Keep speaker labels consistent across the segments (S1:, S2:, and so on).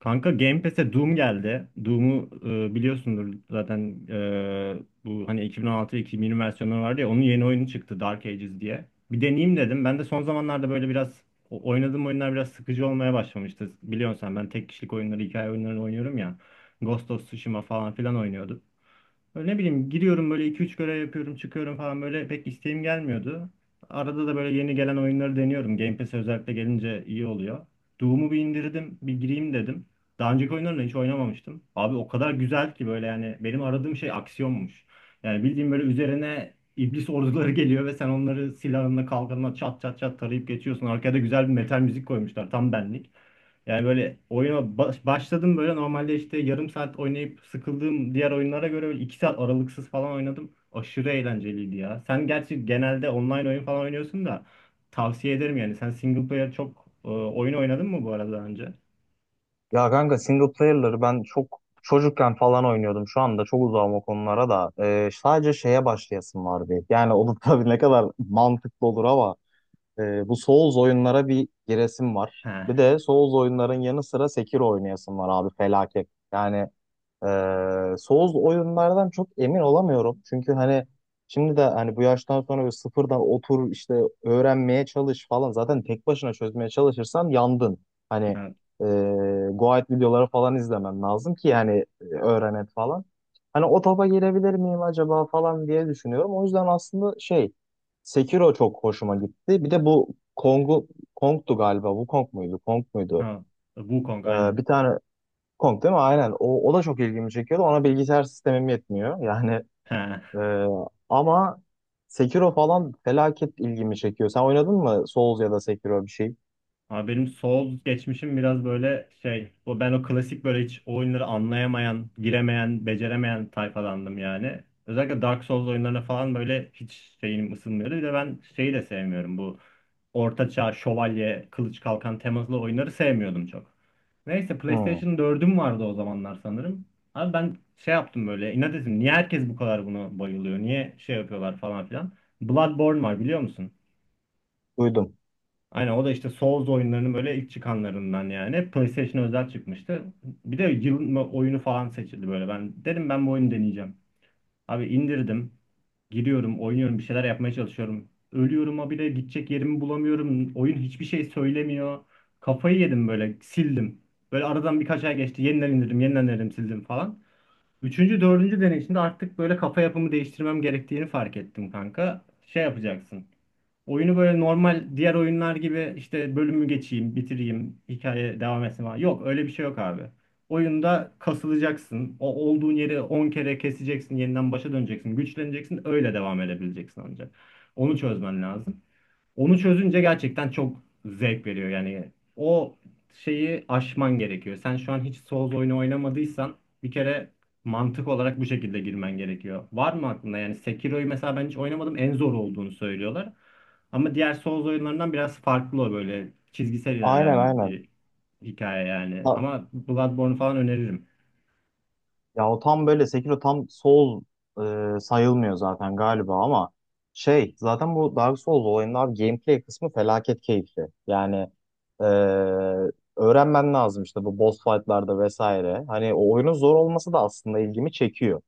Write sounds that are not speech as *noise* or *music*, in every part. S1: Kanka Game Pass'e Doom geldi. Doom'u biliyorsundur zaten bu hani 2016-2020 versiyonları vardı ya onun yeni oyunu çıktı Dark Ages diye. Bir deneyeyim dedim. Ben de son zamanlarda böyle biraz oynadığım oyunlar biraz sıkıcı olmaya başlamıştı. Biliyorsun sen ben tek kişilik oyunları, hikaye oyunlarını oynuyorum ya. Ghost of Tsushima falan filan oynuyordum. Böyle ne bileyim giriyorum böyle iki üç görev yapıyorum çıkıyorum falan böyle pek isteğim gelmiyordu. Arada da böyle yeni gelen oyunları deniyorum. Game Pass'e özellikle gelince iyi oluyor. Doom'u bir indirdim bir gireyim dedim. Daha önceki oyunlarını hiç oynamamıştım. Abi o kadar güzel ki böyle yani benim aradığım şey aksiyonmuş. Yani bildiğim böyle üzerine iblis orduları *laughs* geliyor ve sen onları silahınla kalkanla çat çat çat tarayıp geçiyorsun. Arkada güzel bir metal müzik koymuşlar tam benlik. Yani böyle oyuna başladım böyle normalde işte yarım saat oynayıp sıkıldığım diğer oyunlara göre böyle 2 saat aralıksız falan oynadım. Aşırı eğlenceliydi ya. Sen gerçi genelde online oyun falan oynuyorsun da tavsiye ederim yani. Sen single player çok oyun oynadın mı bu arada daha önce?
S2: Ya kanka, single player'ları ben çok çocukken falan oynuyordum. Şu anda çok uzağım o konulara da. Sadece şeye başlayasım vardı. Yani o da *laughs* tabii ne kadar mantıklı olur ama bu Souls oyunlara bir giresim var.
S1: He.
S2: Bir de Souls oyunların yanı sıra Sekiro oynayasım var abi felaket. Ee, Souls oyunlardan çok emin olamıyorum. Çünkü hani şimdi de hani bu yaştan sonra böyle sıfırdan otur işte öğrenmeye çalış falan. Zaten tek başına çözmeye çalışırsan yandın. Hani
S1: Ha.
S2: e, Guide videoları falan izlemen lazım ki yani öğrenet falan. Hani o topa girebilir miyim acaba falan diye düşünüyorum. O yüzden aslında şey, Sekiro çok hoşuma gitti. Bir de bu Kong'u Kong'tu galiba. Bu Kong muydu? Kong muydu?
S1: Ha. Wukong
S2: Ee,
S1: aynen.
S2: Bir tane Kong değil mi? Aynen. O da çok ilgimi çekiyordu. Ona bilgisayar sistemim yetmiyor. *laughs*
S1: He.
S2: E, Ama Sekiro falan felaket ilgimi çekiyor. Sen oynadın mı Souls ya da Sekiro bir şey?
S1: Abi benim Souls geçmişim biraz böyle şey, o ben o klasik böyle hiç o oyunları anlayamayan, giremeyen, beceremeyen tayfadandım yani. Özellikle Dark Souls oyunlarına falan böyle hiç şeyim ısınmıyordu. Bir de ben şeyi de sevmiyorum bu ortaçağ, şövalye, kılıç kalkan temalı oyunları sevmiyordum çok. Neyse
S2: Hmm,
S1: PlayStation dördüm vardı o zamanlar sanırım. Abi ben şey yaptım böyle inat ettim. Niye herkes bu kadar buna bayılıyor? Niye şey yapıyorlar falan filan. Bloodborne var biliyor musun?
S2: duydum.
S1: Aynen o da işte Souls oyunlarının böyle ilk çıkanlarından yani. PlayStation özel çıkmıştı. Bir de yılın oyunu falan seçildi böyle. Ben dedim ben bu oyunu deneyeceğim. Abi indirdim. Giriyorum, oynuyorum, bir şeyler yapmaya çalışıyorum. Ölüyorum ha bile gidecek yerimi bulamıyorum. Oyun hiçbir şey söylemiyor. Kafayı yedim böyle, sildim. Böyle aradan birkaç ay geçti. Yeniden indirdim, yeniden indirdim, sildim falan. Üçüncü, dördüncü deneyişimde artık böyle kafa yapımı değiştirmem gerektiğini fark ettim kanka. Şey yapacaksın. Oyunu böyle normal diğer oyunlar gibi işte bölümü geçeyim, bitireyim, hikaye devam etsin falan. Yok öyle bir şey yok abi. Oyunda kasılacaksın. O olduğun yeri 10 kere keseceksin, yeniden başa döneceksin, güçleneceksin, öyle devam edebileceksin ancak. Onu çözmen lazım. Onu çözünce gerçekten çok zevk veriyor. Yani o şeyi aşman gerekiyor. Sen şu an hiç Souls oyunu oynamadıysan bir kere mantık olarak bu şekilde girmen gerekiyor. Var mı aklında? Yani Sekiro'yu mesela ben hiç oynamadım. En zor olduğunu söylüyorlar. Ama diğer Souls oyunlarından biraz farklı o böyle çizgisel
S2: Aynen,
S1: ilerleyen
S2: aynen.
S1: bir hikaye yani.
S2: Ha,
S1: Ama Bloodborne falan öneririm.
S2: ya o tam böyle Sekiro tam sayılmıyor zaten galiba ama şey, zaten bu Dark Souls olayının abi gameplay kısmı felaket keyifli. E, Öğrenmen lazım işte bu boss fight'larda vesaire. Hani o oyunun zor olması da aslında ilgimi çekiyor.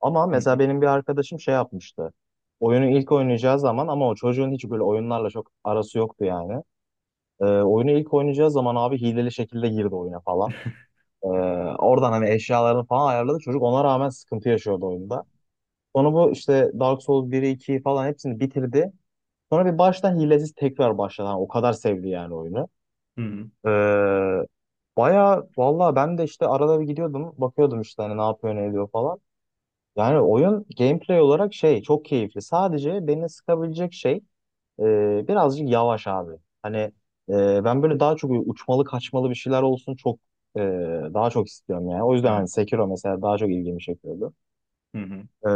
S2: Ama
S1: Hı
S2: mesela
S1: hı.
S2: benim bir arkadaşım şey yapmıştı. Oyunu ilk oynayacağı zaman, ama o çocuğun hiç böyle oyunlarla çok arası yoktu yani. Oyunu ilk oynayacağı zaman abi hileli şekilde girdi oyuna falan. Ee, Oradan hani eşyalarını falan ayarladı. Çocuk ona rağmen sıkıntı yaşıyordu oyunda. Sonra bu işte Dark Souls 1'i 2'yi falan hepsini bitirdi. Sonra bir baştan hilesiz tekrar başladı. Hani o kadar sevdi yani oyunu.
S1: Hı hı.
S2: Ee, Baya valla ben de işte arada bir gidiyordum. Bakıyordum işte hani ne yapıyor ne ediyor falan. Yani oyun gameplay olarak şey çok keyifli. Sadece beni sıkabilecek şey, birazcık yavaş abi. Hani Ben böyle daha çok uçmalı kaçmalı bir şeyler olsun çok, e, daha çok istiyorum yani. O yüzden hani
S1: Evet.
S2: Sekiro mesela daha çok ilgimi çekiyordu.
S1: Hı hı.
S2: Ee,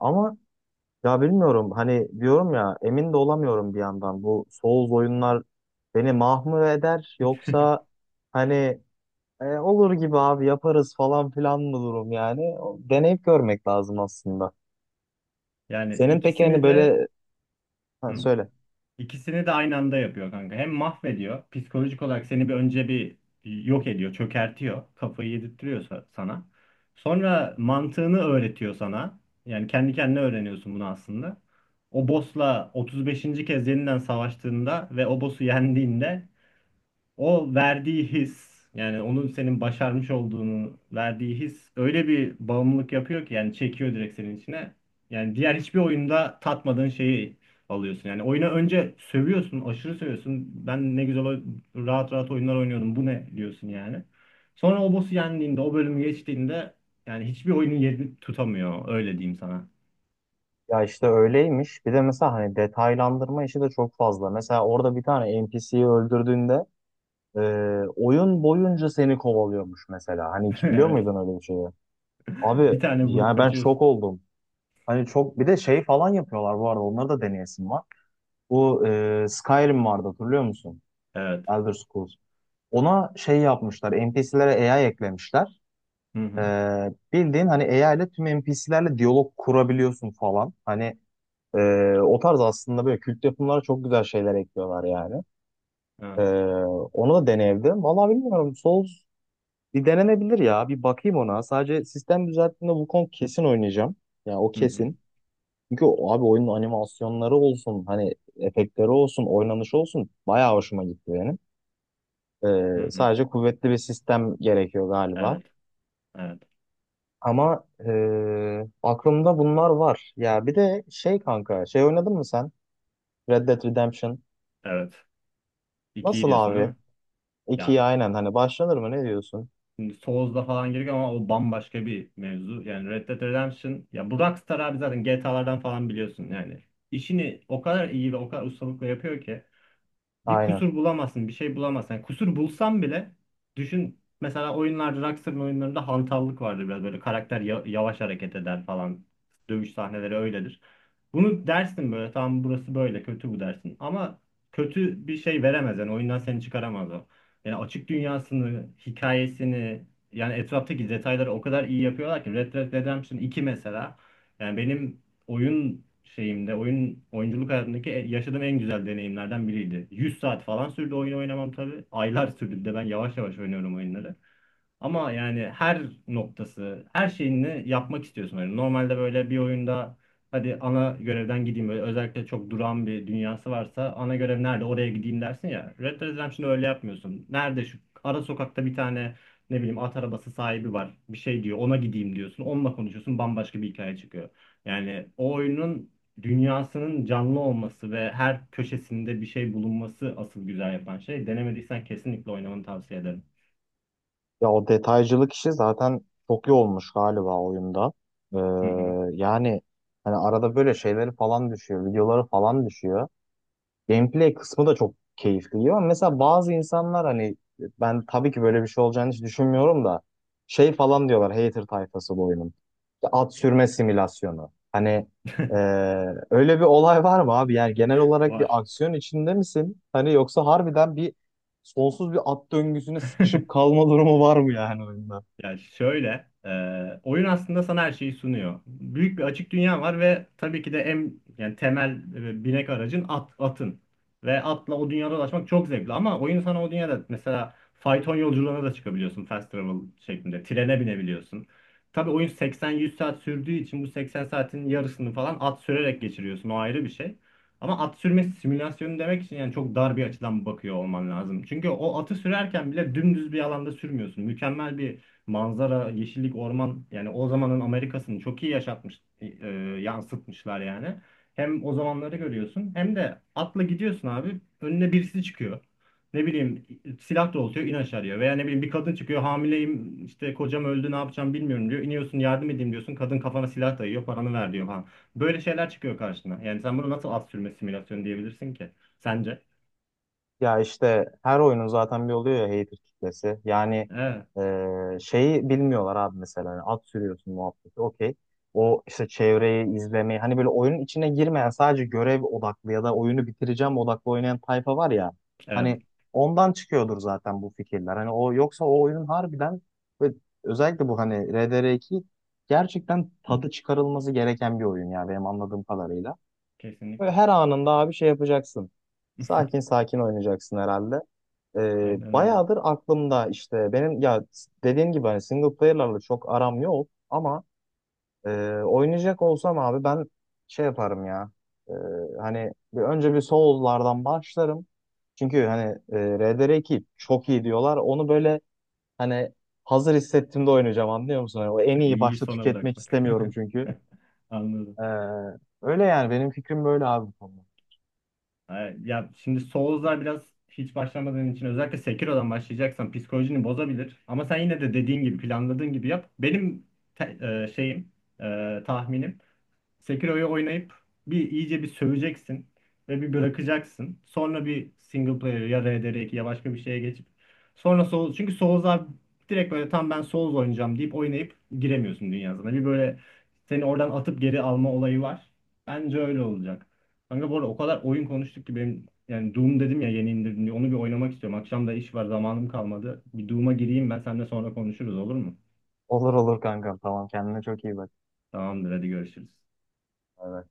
S2: Ama ya bilmiyorum, hani diyorum ya, emin de olamıyorum bir yandan. Bu Souls oyunlar beni mahmur eder, yoksa hani olur gibi abi, yaparız falan filan mı durum yani. Deneyip görmek lazım aslında.
S1: Yani
S2: Senin peki hani
S1: ikisini de.
S2: böyle, ha,
S1: Hı.
S2: söyle.
S1: İkisini de aynı anda yapıyor kanka. Hem mahvediyor, psikolojik olarak seni bir önce bir yok ediyor, çökertiyor, kafayı yedirtiyor sana. Sonra mantığını öğretiyor sana. Yani kendi kendine öğreniyorsun bunu aslında. O boss'la 35. kez yeniden savaştığında ve o boss'u yendiğinde o verdiği his yani onun senin başarmış olduğunu verdiği his öyle bir bağımlılık yapıyor ki yani çekiyor direkt senin içine. Yani diğer hiçbir oyunda tatmadığın şeyi alıyorsun. Yani oyuna önce sövüyorsun, aşırı sövüyorsun. Ben ne güzel rahat rahat oyunlar oynuyordum. Bu ne diyorsun yani. Sonra o boss'u yendiğinde, o bölümü geçtiğinde yani hiçbir oyunun yerini tutamıyor. Öyle diyeyim sana.
S2: Ya işte öyleymiş. Bir de mesela hani detaylandırma işi de çok fazla. Mesela orada bir tane NPC'yi öldürdüğünde e, oyun boyunca seni kovalıyormuş mesela. Hani
S1: *laughs*
S2: hiç biliyor
S1: Evet.
S2: muydun öyle bir şeyi? Abi
S1: Bir tane vurup
S2: yani ben
S1: kaçıyorsun.
S2: şok oldum. Hani çok bir de şey falan yapıyorlar bu arada. Onları da deneyesim var. Bu Skyrim vardı hatırlıyor musun?
S1: Evet.
S2: Elder Scrolls. Ona şey yapmışlar. NPC'lere AI eklemişler.
S1: Hı
S2: E,
S1: hı.
S2: Bildiğin hani AI ile tüm NPC'lerle diyalog kurabiliyorsun falan. O tarz aslında böyle kült yapımlara çok güzel şeyler ekliyorlar yani. Ee,
S1: Evet.
S2: Onu da deneyebilirim. Vallahi bilmiyorum. Souls bir denenebilir ya. Bir bakayım ona. Sadece sistem düzelttiğinde Wukong kesin oynayacağım. Yani o
S1: Hı hı.
S2: kesin. Çünkü abi oyunun animasyonları olsun, hani efektleri olsun, oynanışı olsun bayağı hoşuma gitti benim.
S1: Hı hı.
S2: Sadece kuvvetli bir sistem gerekiyor galiba.
S1: Evet. Evet.
S2: Ama aklımda bunlar var. Ya bir de şey kanka, şey oynadın mı sen? Red Dead Redemption.
S1: Evet. 2'yi
S2: Nasıl
S1: diyorsun değil
S2: abi?
S1: mi? Ya
S2: İkiye aynen hani başlanır mı ne diyorsun?
S1: şimdi Souls'da falan giriyor ama o bambaşka bir mevzu. Yani Red Dead Redemption ya bu Rockstar abi zaten GTA'lardan falan biliyorsun yani. İşini o kadar iyi ve o kadar ustalıkla yapıyor ki bir
S2: Aynen.
S1: kusur bulamazsın, bir şey bulamazsın. Yani kusur bulsam bile düşün mesela oyunlarda Rockstar'ın oyunlarında hantallık vardır biraz böyle karakter yavaş hareket eder falan. Dövüş sahneleri öyledir. Bunu dersin böyle tamam burası böyle kötü bu dersin ama kötü bir şey veremez yani oyundan seni çıkaramaz o. Yani açık dünyasını, hikayesini yani etraftaki detayları o kadar iyi yapıyorlar ki Red Dead Redemption iki mesela yani benim oyun şeyimde, oyun oyunculuk hayatındaki yaşadığım en güzel deneyimlerden biriydi. 100 saat falan sürdü oyun oynamam tabii. Aylar sürdü bir de ben yavaş yavaş oynuyorum oyunları. Ama yani her noktası, her şeyini yapmak istiyorsun. Yani normalde böyle bir oyunda hadi ana görevden gideyim böyle özellikle çok duran bir dünyası varsa ana görev nerede oraya gideyim dersin ya. Red Dead Redemption'da öyle yapmıyorsun. Nerede şu ara sokakta bir tane ne bileyim at arabası sahibi var. Bir şey diyor ona gideyim diyorsun. Onunla konuşuyorsun bambaşka bir hikaye çıkıyor. Yani o oyunun dünyasının canlı olması ve her köşesinde bir şey bulunması asıl güzel yapan şey. Denemediysen kesinlikle oynamanı tavsiye ederim.
S2: Ya o detaycılık işi zaten çok iyi olmuş galiba oyunda. Ee,
S1: Hı hı.
S2: yani hani arada böyle şeyleri falan düşüyor, videoları falan düşüyor. Gameplay kısmı da çok keyifli, ama mesela bazı insanlar hani, ben tabii ki böyle bir şey olacağını hiç düşünmüyorum da, şey falan diyorlar hater tayfası bu oyunun. İşte at sürme simülasyonu.
S1: *laughs*
S2: E, Öyle bir olay var mı abi? Yani genel olarak bir
S1: Var.
S2: aksiyon içinde misin? Hani yoksa harbiden sonsuz bir at döngüsüne sıkışıp kalma durumu var mı yani oyunda?
S1: Yani şöyle, oyun aslında sana her şeyi sunuyor. Büyük bir açık dünya var ve tabii ki de en yani temel binek aracın at, atın. Ve atla o dünyada dolaşmak çok zevkli ama oyun sana o dünyada mesela fayton yolculuğuna da çıkabiliyorsun fast travel şeklinde. Trene binebiliyorsun. Tabii oyun 80-100 saat sürdüğü için bu 80 saatin yarısını falan at sürerek geçiriyorsun. O ayrı bir şey. Ama at sürme simülasyonu demek için yani çok dar bir açıdan bakıyor olman lazım. Çünkü o atı sürerken bile dümdüz bir alanda sürmüyorsun. Mükemmel bir manzara, yeşillik, orman yani o zamanın Amerika'sını çok iyi yaşatmış, yansıtmışlar yani. Hem o zamanları görüyorsun hem de atla gidiyorsun abi önüne birisi çıkıyor. Ne bileyim silah doğrultuyor in aşağı diyor. Veya ne bileyim bir kadın çıkıyor hamileyim işte kocam öldü ne yapacağım bilmiyorum diyor. İniyorsun yardım edeyim diyorsun kadın kafana silah dayıyor paranı ver diyor falan. Böyle şeyler çıkıyor karşına. Yani sen bunu nasıl at sürme simülasyonu diyebilirsin ki sence?
S2: Ya işte her oyunun zaten bir oluyor ya hater kitlesi. Yani
S1: Evet,
S2: e, şeyi bilmiyorlar abi mesela. Yani at sürüyorsun muhabbeti okey. O işte çevreyi izlemeyi hani böyle oyunun içine girmeyen, sadece görev odaklı ya da oyunu bitireceğim odaklı oynayan tayfa var ya.
S1: evet
S2: Hani ondan çıkıyordur zaten bu fikirler. Hani o yoksa o oyunun harbiden ve özellikle bu hani RDR2 gerçekten tadı çıkarılması gereken bir oyun ya benim anladığım kadarıyla. Böyle
S1: kesinlikle
S2: her anında abi şey yapacaksın. Sakin sakin oynayacaksın herhalde.
S1: aynen öyle.
S2: Bayağıdır aklımda işte benim, ya dediğim gibi hani single player'larla çok aram yok ama, e, oynayacak olsam abi ben şey yaparım ya. E, Hani bir, önce bir Souls'lardan başlarım. Çünkü hani, RDR2 çok iyi diyorlar. Onu böyle hani hazır hissettiğimde oynayacağım, anlıyor musun? Hani o en iyi
S1: İyiyi
S2: başta
S1: sona
S2: tüketmek
S1: bırakmak.
S2: istemiyorum çünkü.
S1: *laughs* Anladım.
S2: Ee, Öyle yani benim fikrim böyle abi, bu konuda.
S1: Ha, ya şimdi Souls'lar biraz hiç başlamadığın için özellikle Sekiro'dan başlayacaksan psikolojini bozabilir. Ama sen yine de dediğin gibi planladığın gibi yap. Benim te- şeyim tahminim Sekiro'yu oynayıp bir iyice bir söveceksin ve bir bırakacaksın. Sonra bir single player ya RDR2 ya başka bir şeye geçip sonra Souls çünkü Souls'a direkt böyle tam ben Souls oynayacağım deyip oynayıp giremiyorsun dünyasına. Bir böyle seni oradan atıp geri alma olayı var. Bence öyle olacak. Kanka bu arada o kadar oyun konuştuk ki benim yani Doom dedim ya yeni indirdim diye onu bir oynamak istiyorum. Akşam da iş var zamanım kalmadı. Bir Doom'a gireyim ben seninle sonra konuşuruz olur mu?
S2: Olur olur kankam, tamam, kendine çok iyi bak.
S1: Tamamdır hadi görüşürüz.
S2: Bay bay.